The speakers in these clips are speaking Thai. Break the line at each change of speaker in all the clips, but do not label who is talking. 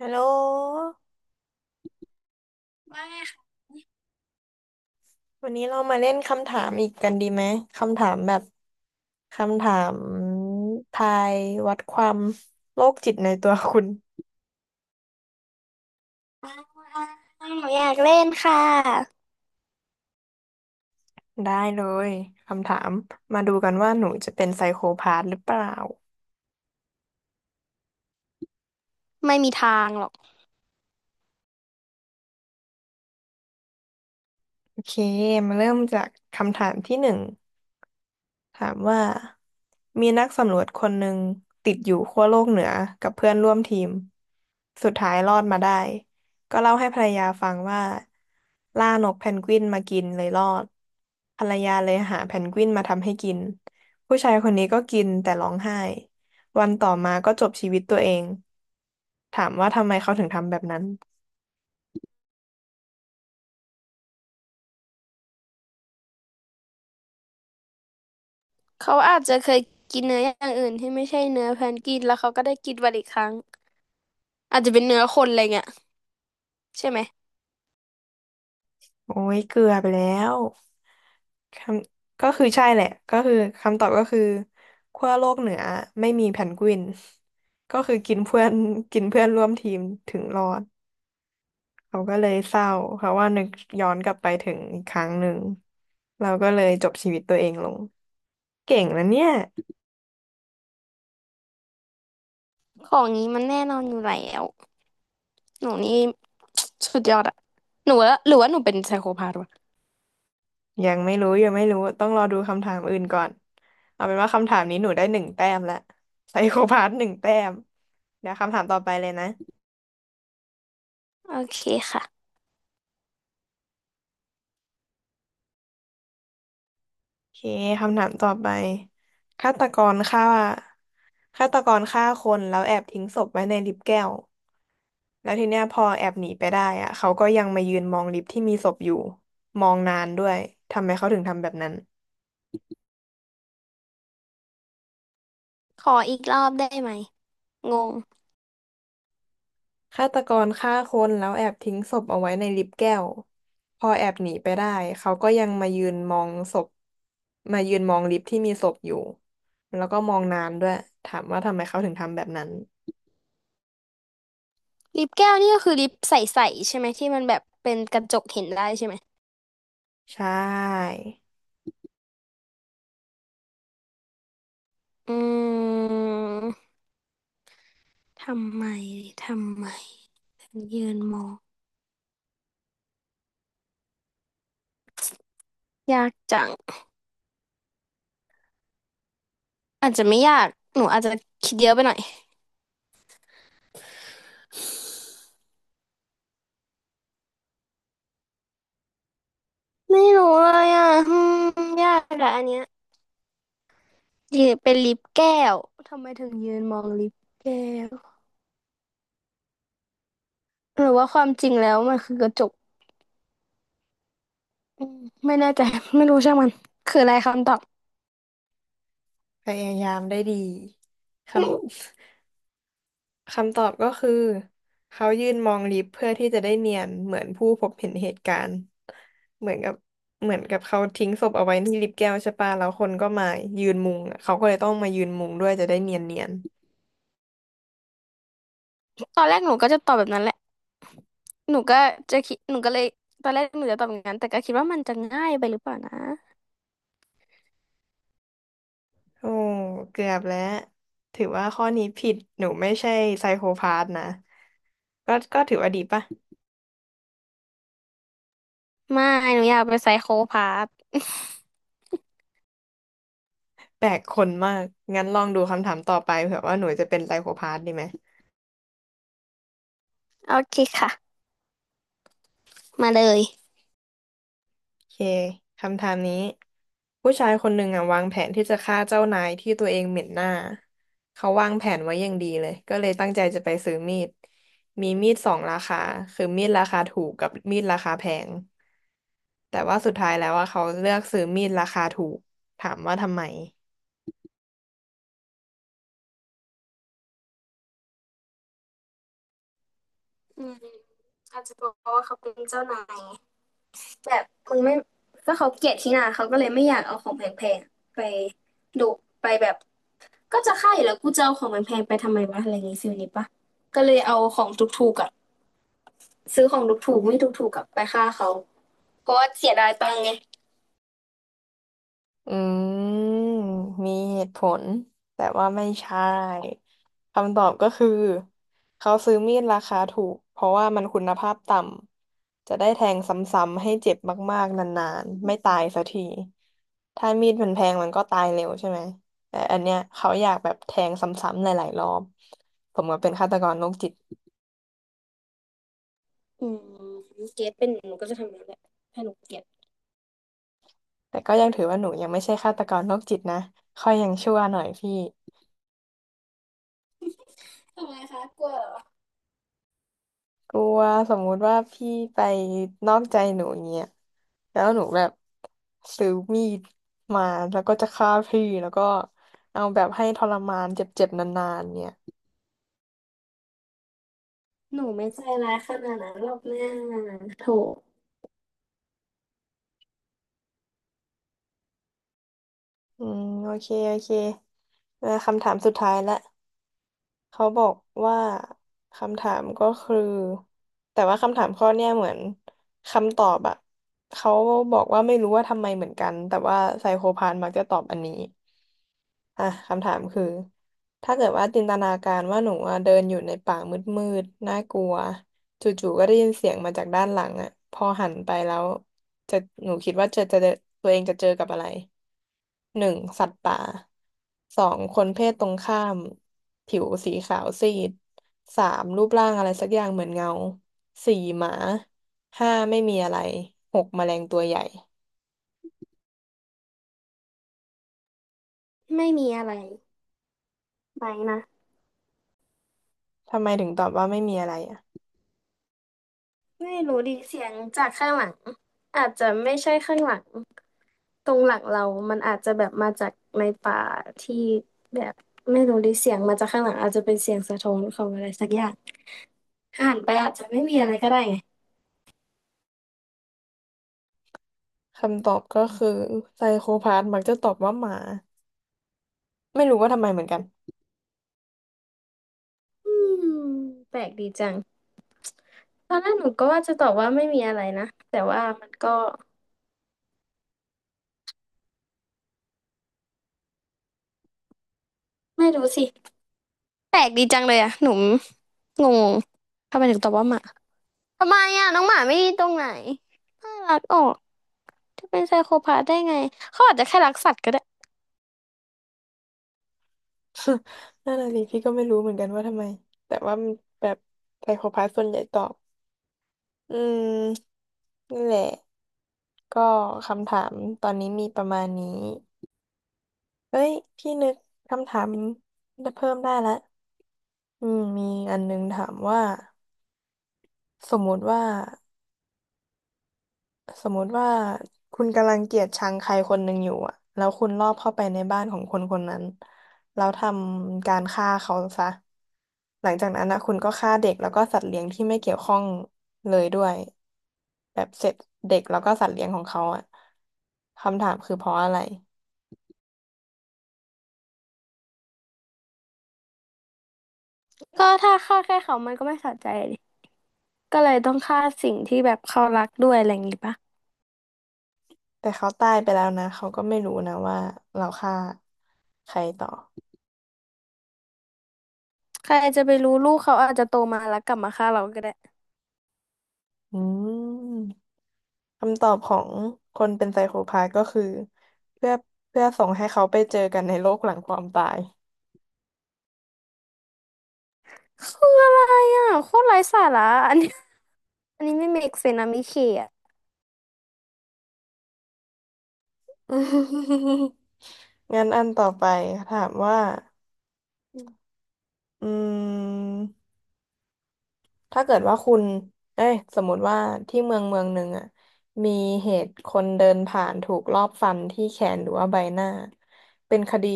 ฮัลโหล
ไม่ค่ะ
วันนี้เรามาเล่นคำถามอีกกันดีไหม คำถามแบบคำถามทายวัดความโรคจิตในตัวคุณ
หนูอยากเล่นค่ะ
ได้เลย คำถามมาดูกันว่าหนูจะเป็นไซโคพาธหรือเปล่า
ไม่มีทางหรอก
โอเค มาเริ่มจากคำถามที่หนึ่ง ถามว่ามีนักสำรวจคนหนึ่งติดอยู่ขั้วโลกเหนือกับเพื่อนร่วมทีมสุดท้ายรอดมาได้ก็เล่าให้ภรรยาฟังว่าล่านกเพนกวินมากินเลยรอดภรรยาเลยหาเพนกวินมาทำให้กินผู้ชายคนนี้ก็กินแต่ร้องไห้วันต่อมาก็จบชีวิตตัวเองถามว่าทำไมเขาถึงทำแบบนั้น
เขาอาจจะเคยกินเนื้ออย่างอื่นที่ไม่ใช่เนื้อแพนกวินแล้วเขาก็ได้กินวันอีกครั้งอาจจะเป็นเนื้อคนอะไรเงี้ยใช่ไหม
โอ้ยเกลือไปแล้ว คำก็คือใช่แหละก็คือคำตอบก็คือขั้วโลกเหนือไม่มีแพนกวิน ก็คือกินเพื่อน กินเพื่อนร่วมทีมถึงรอดเขาก็เลยเศร้าเพราะว่านึกย้อนกลับไปถึงอีกครั้งหนึ่งเราก็เลยจบชีวิตตัวเองลง เก่งนะเนี่ย
ของนี้มันแน่นอนอยู่แล้ว หนูนี่ สุดยอดอะหนูว่าหรือว่าหนูเป็นไซโคพาธวะ
ยังไม่รู้ยังไม่รู้ต้องรอดูคำถามอื่นก่อนเอาเป็นว่าคำถามนี้หนูได้หนึ่งแต้มละไซโคพาสหนึ่งแต้มเดี๋ยวคำถามต่อไปเลยนะ
โอเคค่ะ
โอเคคำถามต่อไปฆาตกรฆ่า ฆาตกรฆ่าคนแล้วแอบทิ้งศพไว้ในลิฟต์แก้วแล้วทีเนี้ยพอแอบหนีไปได้อะเขาก็ยังมายืนมองลิฟต์ที่มีศพอยู่มองนานด้วยทำไมเขาถึงทำแบบนั้น
ขออีกรอบได้ไหม งง
ฆาตกรฆ่าคนแล้วแอบทิ้งศพเอาไว้ในลิฟต์แก้วพอแอบหนีไปได้เขาก็ยังมายืนมองศพมายืนมองลิฟต์ที่มีศพอยู่แล้วก็มองนานด้วยถามว่าทำไมเขาถึงทำแบบนั้น
ลิปแก้วนี่ก็คือลิปใสๆใช่ไหมที่มันแบบเป็นกระจกเห็นได้ใช่ไหม
ใช่
อืมทำไมทำไม ยืนมองยากจังอาจจะไม่ยากหนูอาจจะคิดเยอะไปหน่อยไม่รู้เลยอ่ะอืมยากแหละอันเนี้ยยืนเป็นลิฟต์แก้วทำไมถึงยืนมองลิฟต์แก้วหรือว่าความจริงแล้วมันคือกระจกอืมไม่แน่ใจไม่รู้ช่างมันคืออะไรคำตอบ
พยายามได้ดี ครับ คำตอบก็คือเขายืนมองลิฟต์เพื่อที่จะได้เนียนเหมือนผู้พบเห็นเหตุการณ์เหมือนกับเหมือนกับเขาทิ้งศพเอาไว้ที่ลิฟต์แก้วใช่ปะแล้วคนก็มายืนมุงอะเขาก็เลยต้องมายืนมุงด้วยจะได้เนียนเนียน
ตอนแรกหนูก็จะตอบแบบนั้นแหละหนูก็จะคิดหนูก็เลยตอนแรกหนูจะตอบอย่างนั้นแต่ก็คิดว่ามันจะง่ายไปหรือเปล่านะ
โอ้เกือบแล้วถือว่าข้อนี้ผิดหนูไม่ใช่ไซโคพาธนะก็ถือว่าดีป่ะ
ไม่หนูอยากเป็นไซโคพาธ
แปลกคนมากงั้นลองดูคำถามต่อไปเผื่อว่าหนูจะเป็นไซโคพาธดีไหม
โอเคค่ะมาเลย
โอเค คำถามนี้ผู้ชายคนหนึ่งอ่ะวางแผนที่จะฆ่าเจ้านายที่ตัวเองเหม็นหน้า เขาวางแผนไว้อย่างดีเลยก็เลยตั้งใจจะไปซื้อมีด มีมีดสองราคาคือมีดราคาถูกกับมีดราคาแพงแต่ว่าสุดท้ายแล้วว่าเขาเลือกซื้อมีดราคาถูก ถามว่าทำไม
อืมอาจจะบอกว่าเขาเป็นเจ้านายแบบมึงไม่ก็เขาเกลียดที่หนาเขาก็เลยไม่อยากเอาของแพงๆไปดุไปแบบก็จะฆ่าอยู่แล้วกูจะเอาของแพงๆไปทำไมวะอะไรอย่างงี้ฟิลนี้ปะก็เลยเอาของถูกๆอะซื้อของถูกๆไม่ถูกๆกับไปฆ่าเขาเพราะว่าเสียดายตังค์ไง
อืมมีเหตุผลแต่ว่าไม่ใช่คำตอบก็คือเขาซื้อมีดราคาถูกเพราะว่ามันคุณภาพต่ำจะได้แทงซ้ำๆให้เจ็บมากๆนานๆไม่ตายสักทีถ้ามีดมันแพงมันก็ตายเร็วใช่ไหมแต่อันเนี้ยเขาอยากแบบแทงซ้ำๆหลายๆรอบผมก็เป็นฆาตกรโรคจิต
อืมเกลียดเป็นหนูก็จะทำอย่างนั้นแหละถ้าหนูเกลียด
แต่ก็ยังถือว่าหนูยังไม่ใช่ฆาตกรโรคจิตนะค่อยยังชั่วหน่อยพี่
ทำไมคะกลัวเหรอ
กลัวสมมุติว่าพี่ไปนอกใจหนูอย่างเงี้ยแล้วหนูแบบซื้อมีดมาแล้วก็จะฆ่าพี่แล้วก็เอาแบบให้ทรมานเจ็บๆนานๆเนี่ย
หนูไม่ใจร้ายขนาดนั้นหรอกแม่โถ
อืมโอเคโอเคเออคำถามสุดท้ายละ เขาบอกว่าคำถามก็คือแต่ว่าคำถามข้อเนี้ยเหมือนคำตอบอะเขาบอกว่าไม่รู้ว่าทำไมเหมือนกันแต่ว่าไซโคพานมักจะตอบอันนี้อ่ะคำถามคือถ้าเกิดว่าจินตนาการว่าหนูอะเดินอยู่ในป่ามืดๆน่ากลัวจู่ๆก็ได้ยินเสียงมาจากด้านหลังอะพอหันไปแล้วจะหนูคิดว่าจะเจอตัวเองจะเจอกับอะไร หนึ่งสัตว์ป่าสองคนเพศตรงข้ามผิวสีขาวซีดสามรูปร่างอะไรสักอย่างเหมือนเงาสี่หมาห้าไม่มีอะไรหกแมลงตัวใหญ่
ไม่มีอะไรไปนะ
ทำไมถึงตอบว่าไม่มีอะไรอ่ะ
ไม่รู้ดิเสียงจากข้างหลังอาจจะไม่ใช่ข้างหลังตรงหลังเรา มันอาจจะแบบมาจากในป่าที่แบบไม่รู้ดิเสียงมาจากข้างหลังอาจจะเป็นเสียงสะท้อนของอะไรสักอย่างหันไปอาจจะไม่มีอะไรก็ได้ไง
คำตอบก็คือไซโคพาธมักจะตอบว่าหมาไม่รู้ว่าทำไมเหมือนกัน
อืมแปลกดีจังตอนแรกหนูก็ว่าจะตอบว่าไม่มีอะไรนะแต่ว่ามันก็ไม่รู้สิแปลกดีจังเลยอะหนูงงทำไมถึงตอบว่าหมาทำไมอะน้องหมาไม่ดีตรงไหนน่ารักออกจะเป็นไซโคพาธได้ไงเขาอาจจะแค่รักสัตว์ก็ได้
นั่นน่ะสิพี่ก็ไม่รู้เหมือนกันว่าทำไมแต่ว่ามันแบบไซโคพาธส่วนใหญ่ตอบอืมนี่นแหละก็คำถามตอนนี้มีประมาณนี้ เฮ้ยพี่นึกคำถามได้เพิ่มได้ละอืมมีอันนึงถามว่าสมมุติว่าสมมุติว่าคุณกำลังเกลียดชังใครคนหนึ่งอยู่อะแล้วคุณลอบเข้าไปในบ้านของคนคนนั้นแล้วทำการฆ่าเขาซะ หลังจากนั้นนะคุณก็ฆ่าเด็กแล้วก็สัตว์เลี้ยงที่ไม่เกี่ยวข้องเลยด้วยแบบเสร็จเด็กแล้วก็สัตว์เลี้ยงของเขาอะคำถามคือเพราะอะไร
ก็ถ้าฆ่าแค่เขามันก็ไม่สะใจดิก็เลยต้องฆ่าสิ่งที่แบบเขารักด้วยอะไรอย่างงี้ปะ
แต่เขาตายไปแล้วนะเขาก็ไม่รู้นะว่าเราฆ่าใครต่อ
ใครจะไปรู้ลูกเขาอาจจะโตมาแล้วกลับมาฆ่าเราก็ได้
อืมคำตอบของคนเป็นไซโคพาธก็คือเพื่อเพื่อส่งให้เขาไปเจอกันในโลกหลังความตาย
คืออะไรอ่ะโคตรไร้สาระอันนี้ อันนี้ไม่ make sense นะมิเคอ่ะ
งั้นอันต่อไปถามว่าอืม ถ้าเกิดว่าคุณเอ้ยสมมติว่าที่เมืองเมืองหนึ่งอ่ะมีเหตุคนเดินผ่านถูกลอบฟันที่แขนหรือว่าใบหน้า เป็นคดี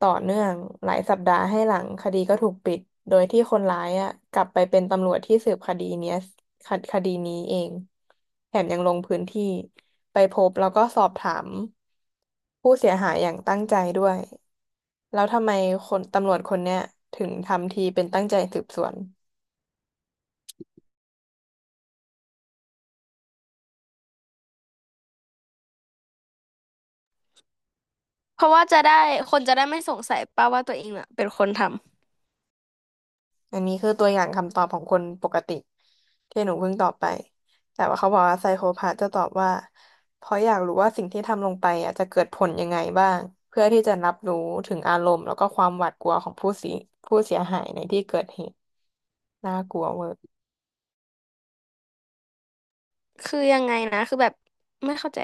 ต่อเนื่องหลายสัปดาห์ให้หลังคดีก็ถูกปิด โดยที่คนร้ายอ่ะกลับไปเป็นตำรวจที่สืบคดีเนี้ยคคดีนี้เองแถมยังลงพื้นที่ไปพบแล้วก็สอบถามผู้เสียหายอย่างตั้งใจด้วยแล้วทำไมคนตำรวจคนเนี้ยถึงทำทีเป็นตั้งใจสืบสวน
เพราะว่าจะได้คนจะได้ไม่สงสัยป้าว่าตัวเองอ่ะเป็นคนท
อันนี้คือตัวอย่างคำตอบของคนปกติที่หนูเพิ่งตอบไปแต่ว่าเขาบอกว่าไซโคพาธจะตอบว่าเพราะอยากรู้ว่าสิ่งที่ทำลงไปอ่ะจะเกิดผลยังไงบ้างเพื่อที่จะรับรู้ถึงอารมณ์แล้วก็ความหวาดกลัวของผู้เสียหายในที่เกิดเหตุน่ากลัวเวอร์
ำ คือยังไงนะ คือแบบไม่เข้าใจ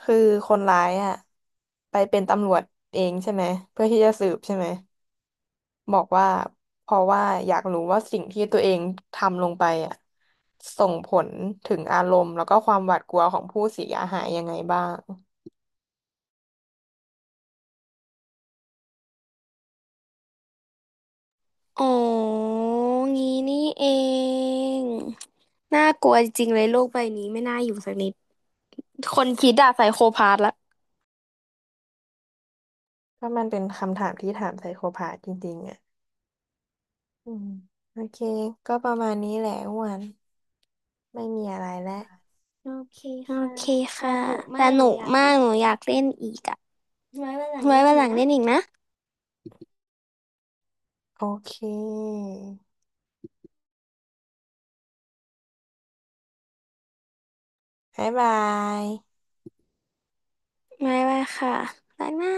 คือคนร้ายอ่ะไปเป็นตำรวจเองใช่ไหมเพื่อที่จะสืบใช่ไหม บอกว่าเพราะว่าอยากรู้ว่าสิ่งที่ตัวเองทำลงไปอ่ะส่งผลถึงอารมณ์แล้วก็ความหวาดกลัวของผู้เสียหายยังไงบ้าง
อ๋องี้นี่เองน่ากลัวจริงๆเลยโลกใบนี้ไม่น่าอยู่สักนิดคนคิดอะไซโคพาธละ
ก็มันเป็นคำถามที่ถามไซโคพาธจริงๆอ่ะอืมโอเคก็ประมาณนี้แหละอ้วันไม่มีอะไรแล้วโอเค
โอ
ค่ะ
เค
ส
ค่ะ
นุก
ส
มากห
นุ
นู
ก
อยาก
มา
เป่
กหนูอยากเล่นอีกอ่ะ
นไว้วันหลัง
ไว้
เล่น
วัน
อี
ห
ก
ลัง
นะ
เล่นอีกนะ
โอเคบ๊ายบาย
ไว้ค่ะรักนะ